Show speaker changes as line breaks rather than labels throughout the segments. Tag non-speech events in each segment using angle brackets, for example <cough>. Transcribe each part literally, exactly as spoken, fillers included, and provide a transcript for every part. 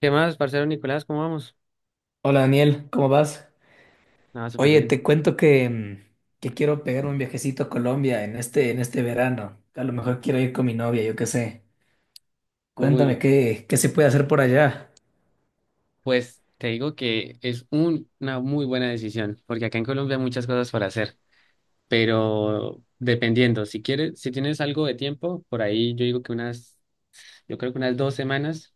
¿Qué más, parcero Nicolás? ¿Cómo vamos?
Hola Daniel, ¿cómo vas?
Nada, súper
Oye,
bien.
te cuento que, mm, que quiero pegar un viajecito a Colombia en este, en este verano. A lo mejor quiero ir con mi novia, yo qué sé. Cuéntame
Uy,
qué, qué se puede hacer por allá,
pues te digo que es un- una muy buena decisión, porque acá en Colombia hay muchas cosas para hacer, pero dependiendo, si quieres, si tienes algo de tiempo, por ahí yo digo que unas, yo creo que unas dos semanas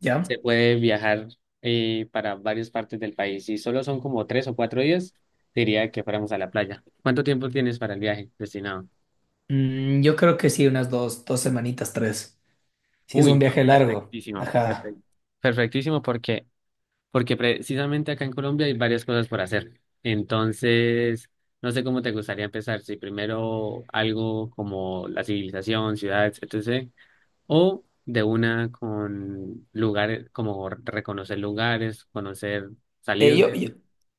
¿ya?
se puede viajar eh, para varias partes del país. Si solo son como tres o cuatro días, diría que fuéramos a la playa. ¿Cuánto tiempo tienes para el viaje destinado?
Mm, yo creo que sí, unas dos, dos semanitas, tres. Si es
Uy,
un
no,
viaje largo.
perfectísimo,
Ajá.
perfecto. Perfectísimo, porque porque precisamente acá en Colombia hay varias cosas por hacer. Entonces, no sé cómo te gustaría empezar, si primero algo como la civilización, ciudades, etcétera, o de una con lugares, como reconocer lugares, conocer,
Eh,
salir
yo, yo,
de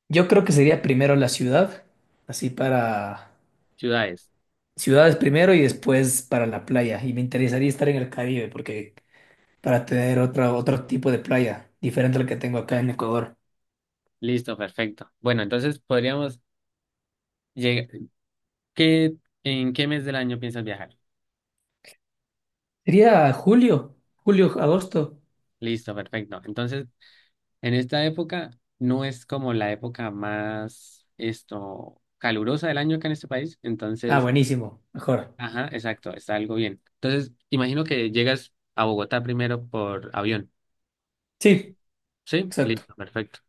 yo creo que sería primero la ciudad, así para
ciudades.
ciudades primero y después para la playa. Y me interesaría estar en el Caribe, porque para tener otra, otro tipo de playa, diferente al que tengo acá en Ecuador.
Listo, perfecto. Bueno, entonces podríamos llegar, ¿qué, ¿en qué mes del año piensas viajar?
Sería julio, julio, agosto.
Listo, perfecto. Entonces, en esta época no es como la época más esto calurosa del año acá en este país,
Ah,
entonces,
buenísimo, mejor.
ajá, exacto, está algo bien. Entonces, imagino que llegas a Bogotá primero por avión.
Sí,
Sí,
exacto.
listo, perfecto.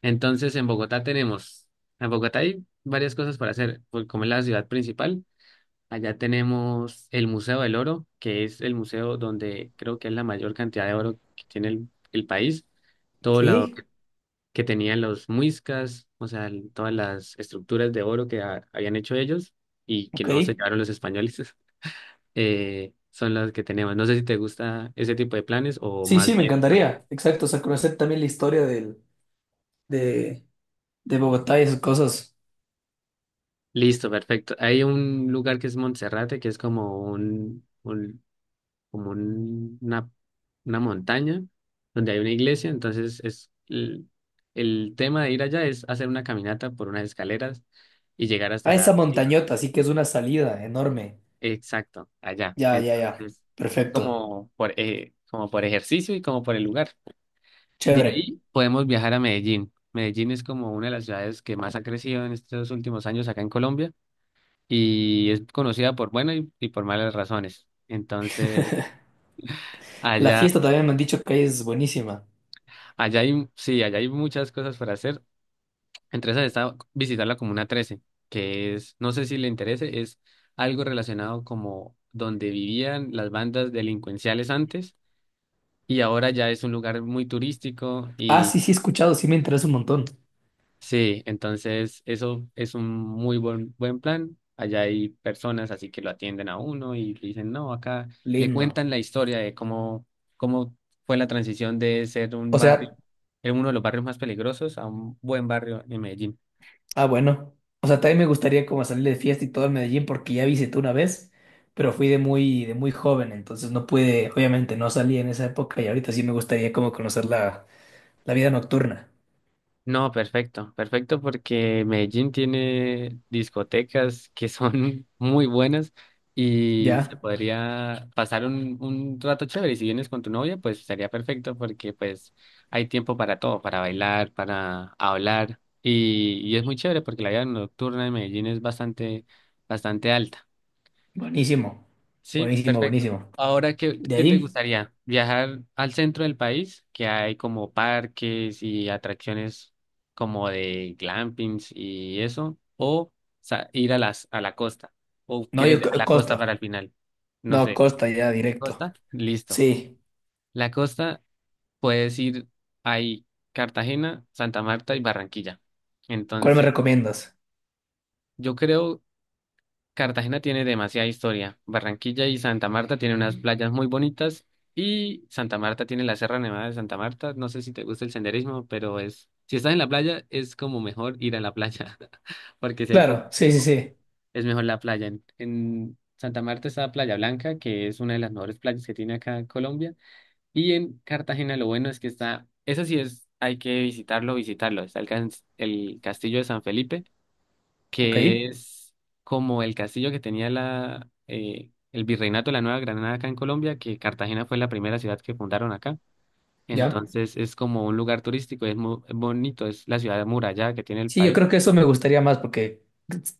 Entonces, en Bogotá tenemos, en Bogotá hay varias cosas para hacer, porque como es la ciudad principal, allá tenemos el Museo del Oro, que es el museo donde creo que es la mayor cantidad de oro que tiene el, el país. Todo lo
¿Qué?
que tenían los muiscas, o sea, el- todas las estructuras de oro que ha- habían hecho ellos y que
Ok.
no se llevaron los españoles, <laughs> eh, son las que tenemos. No sé si te gusta ese tipo de planes o
Sí, sí,
más
me
bien. re-
encantaría. Exacto, o sea, conocer también la historia del, de, de Bogotá y sus cosas.
Listo, perfecto. Hay un lugar que es Monserrate, que es como un, un- como un- una, una montaña donde hay una iglesia, entonces es el, el tema de ir allá es hacer una caminata por unas escaleras y llegar hasta
Ah, esa
la sí.
montañota, así que es una salida enorme.
Exacto, allá.
Ya, ya, ya.
Entonces,
Perfecto.
como por, eh, como por ejercicio y como por el lugar. De
Chévere.
ahí podemos viajar a Medellín. Medellín es como una de las ciudades que más ha crecido en estos últimos años acá en Colombia y es conocida por buenas y, y por malas razones. Entonces,
La
allá,
fiesta también me han dicho que es buenísima.
allá hay, sí, allá hay muchas cosas para hacer. Entre esas está visitar la Comuna Trece, que es, no sé si le interese, es algo relacionado como donde vivían las bandas delincuenciales antes y ahora ya es un lugar muy turístico
Ah,
y
sí, sí, he escuchado, sí me interesa un montón.
sí, entonces eso es un muy buen, buen plan. Allá hay personas así que lo atienden a uno y le dicen, no, acá le
Lindo.
cuentan la historia de cómo, cómo fue la transición de ser un
O
barrio,
sea.
de uno de los barrios más peligrosos a un buen barrio en Medellín.
Ah, bueno. O sea, también me gustaría como salir de fiesta y todo en Medellín porque ya visité una vez, pero fui de muy, de muy joven, entonces no pude, obviamente no salí en esa época y ahorita sí me gustaría como conocer la, la vida nocturna.
No, perfecto, perfecto porque Medellín tiene discotecas que son <laughs> muy buenas y se
Ya,
podría pasar un, un rato chévere. Y si vienes con tu novia, pues estaría perfecto porque pues hay tiempo para todo, para bailar, para hablar y, y es muy chévere porque la vida nocturna de Medellín es bastante, bastante alta.
buenísimo,
Sí,
buenísimo,
perfecto.
buenísimo.
Ahora, ¿qué,
De
qué te
ahí,
gustaría? ¿Viajar al centro del país, que hay como parques y atracciones como de glampings y eso? ¿O sa- ir a las, a la costa? ¿O
no,
quieres
yo
a
co-
la costa
Costa,
para el final? No
no,
sé.
Costa ya directo.
¿Costa? Listo.
Sí,
La costa puedes ir ahí, Cartagena, Santa Marta y Barranquilla.
¿cuál me
Entonces,
recomiendas?
yo creo Cartagena tiene demasiada historia. Barranquilla y Santa Marta tienen unas playas muy bonitas y Santa Marta tiene la Sierra Nevada de Santa Marta. No sé si te gusta el senderismo, pero es, si estás en la playa, es como mejor ir a la playa, <laughs> porque si hay poco
Claro, sí, sí,
tiempo,
sí.
es mejor la playa. En, en Santa Marta está Playa Blanca, que es una de las mejores playas que tiene acá Colombia. Y en Cartagena lo bueno es que está, eso sí es, hay que visitarlo, visitarlo. Está el, cas- el Castillo de San Felipe,
Ok,
que es como el castillo que tenía la, eh, el virreinato de la Nueva Granada acá en Colombia, que Cartagena fue la primera ciudad que fundaron acá.
ya.
Entonces es como un lugar turístico, es muy bonito, es la ciudad amurallada que tiene el
Sí, yo
país.
creo que eso me gustaría más porque,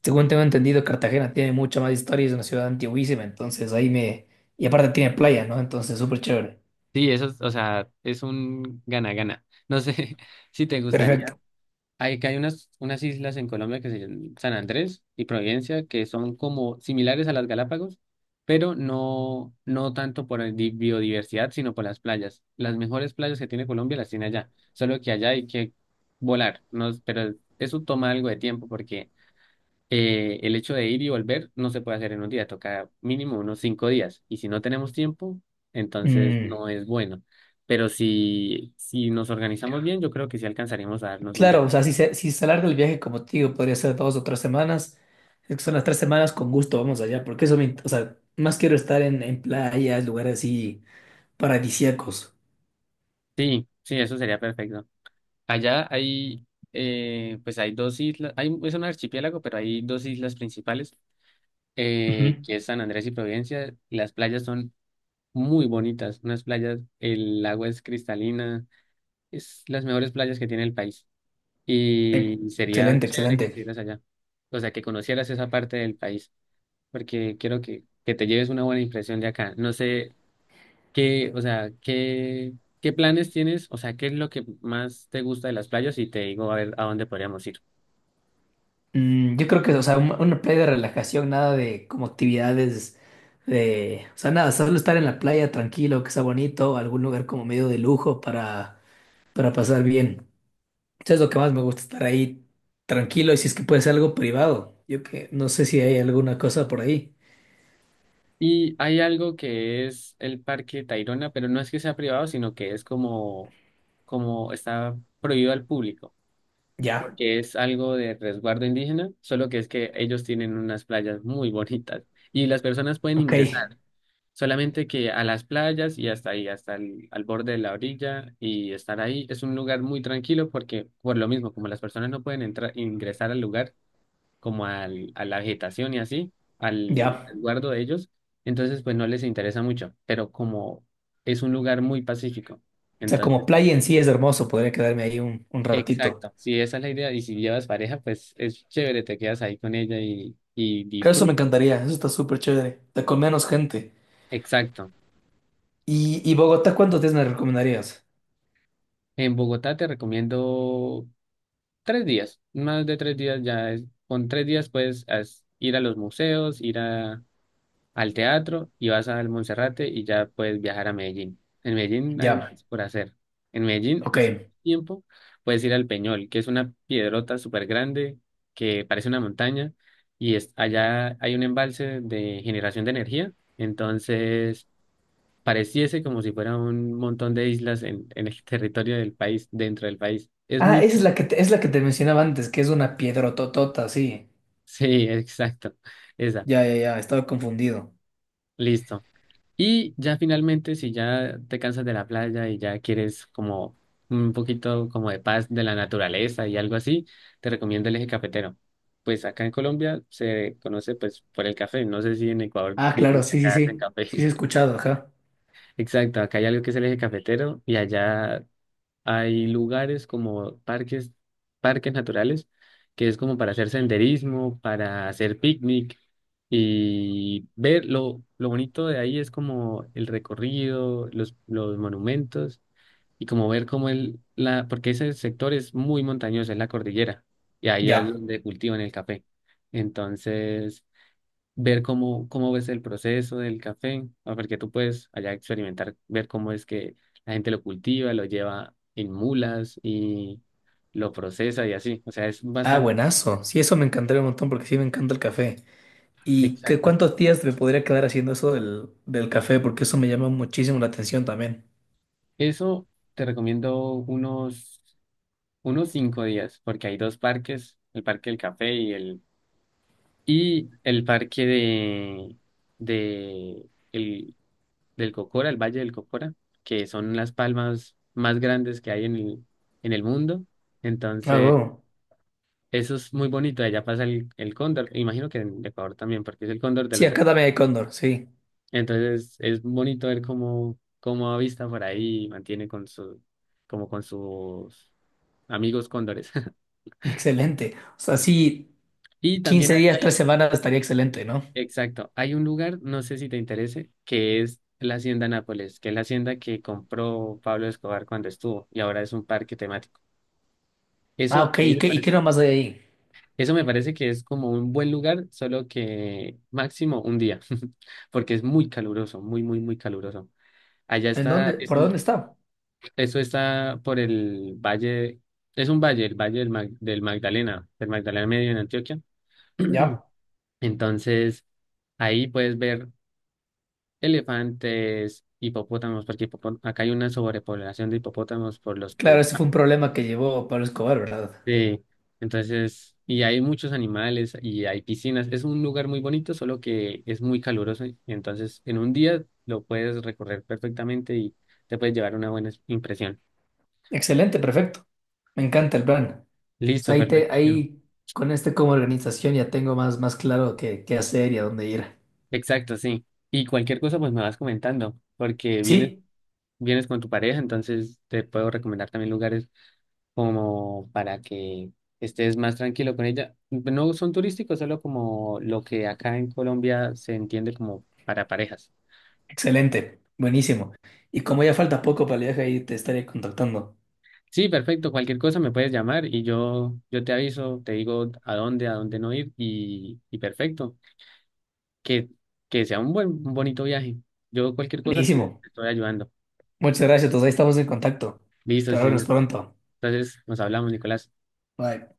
según tengo entendido, Cartagena tiene mucha más historia y es una ciudad antiguísima, entonces ahí me... Y aparte tiene playa, ¿no? Entonces, súper chévere.
Sí, eso es, o sea, es un gana-gana. No sé <laughs> si te gustaría.
Perfecto.
Hay que hay unas, unas islas en Colombia que se llaman San Andrés y Providencia, que son como similares a las Galápagos, pero no, no tanto por el di- biodiversidad, sino por las playas. Las mejores playas que tiene Colombia las tiene allá, solo que allá hay que volar, ¿no? Pero eso toma algo de tiempo porque eh, el hecho de ir y volver no se puede hacer en un día, toca mínimo unos cinco días. Y si no tenemos tiempo, entonces
Mm,
no es bueno. Pero si, si nos organizamos bien, yo creo que sí alcanzaremos a darnos un
claro, o
viaje.
sea, si se, si se alarga el viaje, como te digo, podría ser dos o tres semanas. Es que son las tres semanas, con gusto vamos allá, porque eso me... int- O sea, más quiero estar en, en playas, lugares así paradisíacos.
Sí, sí, eso sería perfecto. Allá hay, eh, pues hay dos islas, hay, es un archipiélago, pero hay dos islas principales, eh,
Ujú.
que es San Andrés y Providencia. Y las playas son muy bonitas, unas playas, el agua es cristalina, es las mejores playas que tiene el país.
Ex-
Y sería
Excelente,
chévere que
excelente.
estuvieras allá, o sea, que conocieras esa parte del país, porque quiero que, que te lleves una buena impresión de acá. No sé. ¿Qué, o sea, qué, qué planes tienes? O sea, ¿qué es lo que más te gusta de las playas? Y te digo a ver a dónde podríamos ir.
Mm, yo creo que, o sea, un- una playa de relajación, nada de como actividades de, o sea, nada, solo estar en la playa tranquilo, que sea bonito, algún lugar como medio de lujo para, para pasar bien. Eso es lo que más me gusta, estar ahí tranquilo y si es que puede ser algo privado. Yo que no sé si hay alguna cosa por ahí.
Y hay algo que es el Parque Tayrona, pero no es que sea privado, sino que es como, como está prohibido al público,
Ya,
porque es algo de resguardo indígena, solo que es que ellos tienen unas playas muy bonitas y las personas pueden
ok,
ingresar, solamente que a las playas y hasta ahí, hasta el, al borde de la orilla y estar ahí es un lugar muy tranquilo porque por lo mismo, como las personas no pueden entrar, ingresar al lugar como al, a la vegetación y así, al
ya.
resguardo de ellos, entonces pues no les interesa mucho, pero como es un lugar muy pacífico,
O sea, como
entonces
playa en sí es hermoso, podría quedarme ahí un, un ratito.
exacto, si esa es la idea. Y si llevas pareja, pues es chévere, te quedas ahí con ella y, y
Creo eso me
disfrutas.
encantaría, eso está súper chévere, está con menos gente.
Exacto.
¿Y, y Bogotá cuántos días me recomendarías?
En Bogotá te recomiendo tres días, más de tres días ya es, con tres días puedes as- ir a los museos, ir a, al teatro y vas al Monserrate y ya puedes viajar a Medellín. En Medellín hay
Ya,
más por hacer. En Medellín,
ok.
si tienes tiempo, puedes ir al Peñol, que es una piedrota súper grande que parece una montaña y es, allá hay un embalse de generación de energía. Entonces, pareciese como si fuera un montón de islas en, en el <laughs> territorio del país, dentro del país. Es
Ah,
muy...
esa es
<laughs>
la que te, es la que te mencionaba antes, que es una piedrototota, sí.
Sí, exacto. Esa.
Ya, ya, ya, estaba confundido.
Listo. Y ya finalmente, si ya te cansas de la playa y ya quieres como un poquito como de paz de la naturaleza y algo así, te recomiendo el eje cafetero. Pues acá en Colombia se conoce pues por el café. No sé si en Ecuador
Ah, claro,
dicen que
sí, sí,
acá hacen
sí.
café.
Sí, sí, he
<laughs>
escuchado, ajá.
Exacto, acá hay algo que es el eje cafetero y allá hay lugares como parques, parques naturales, que es como para hacer senderismo, para hacer picnic y ver lo, lo bonito de ahí es como el recorrido, los, los monumentos y como ver cómo el, la, porque ese sector es muy montañoso, es la cordillera y ahí es
Ya.
donde cultivan el café. Entonces, ver cómo, cómo ves el proceso del café, ¿no? Porque tú puedes allá experimentar, ver cómo es que la gente lo cultiva, lo lleva en mulas y lo procesa y así. O sea, es
Ah,
bastante
buenazo. Sí, eso me encantaría un montón porque sí me encanta el café. ¿Y qué,
exacto.
cuántos días me podría quedar haciendo eso del, del café? Porque eso me llama muchísimo la atención también.
Eso te recomiendo unos, unos cinco días, porque hay dos parques, el parque del café y el, y el parque de, de el, del Cocora, el Valle del Cocora, que son las palmas más grandes que hay en el, en el mundo.
Ah,
Entonces,
wow.
eso es muy bonito, allá pasa el, el cóndor, e imagino que en Ecuador también, porque es el cóndor de
Sí,
los
acá
Alpes.
dame de cóndor, sí.
Entonces es bonito ver cómo, cómo avista por ahí y mantiene con su, como con sus amigos cóndores. <laughs>
Excelente. O sea, sí,
Y también
Quince
acá
días,
hay,
tres semanas estaría excelente, ¿no?
exacto, hay un lugar, no sé si te interese, que es la Hacienda Nápoles, que es la hacienda que compró Pablo Escobar cuando estuvo y ahora es un parque temático. Eso
Ah,
a
ok.
mí
¿Y
me
qué, y qué
parece
nomás hay ahí?
Eso me parece que es como un buen lugar, solo que máximo un día, <laughs> porque es muy caluroso, muy, muy, muy caluroso. Allá
¿En dónde?
está, es
¿Por
un,
dónde está?
eso está por el valle, es un valle, el valle del, Mag- del Magdalena, del Magdalena Medio en Antioquia. <clears throat>
Ya.
Entonces, ahí puedes ver elefantes, hipopótamos, porque hipopo- acá hay una sobrepoblación de hipopótamos por los que
Claro, ese fue un problema que llevó Pablo Escobar, ¿verdad?
sí, entonces, y hay muchos animales y hay piscinas. Es un lugar muy bonito, solo que es muy caluroso. Y entonces, en un día lo puedes recorrer perfectamente y te puedes llevar una buena impresión.
Excelente, perfecto. Me encanta el plan. O sea,
Listo,
ahí, te,
perfectísimo.
ahí con este como organización ya tengo más, más claro qué, qué hacer y a dónde ir.
Exacto, sí. Y cualquier cosa, pues me vas comentando, porque vienes,
Sí,
vienes con tu pareja, entonces te puedo recomendar también lugares como para que estés más tranquilo con ella. No son turísticos, solo como lo que acá en Colombia se entiende como para parejas.
excelente, buenísimo. Y como ya falta poco para el viaje, ahí te estaré contactando.
Sí, perfecto. Cualquier cosa me puedes llamar y yo, yo te aviso, te digo a dónde, a dónde no ir y, y perfecto. Que, que sea un buen, un bonito viaje. Yo cualquier cosa te,
Buenísimo.
te estoy ayudando.
Muchas gracias, entonces ahí estamos en contacto.
Listo, sí,
Hasta nos
señor.
pronto.
Entonces nos hablamos, Nicolás.
Bye.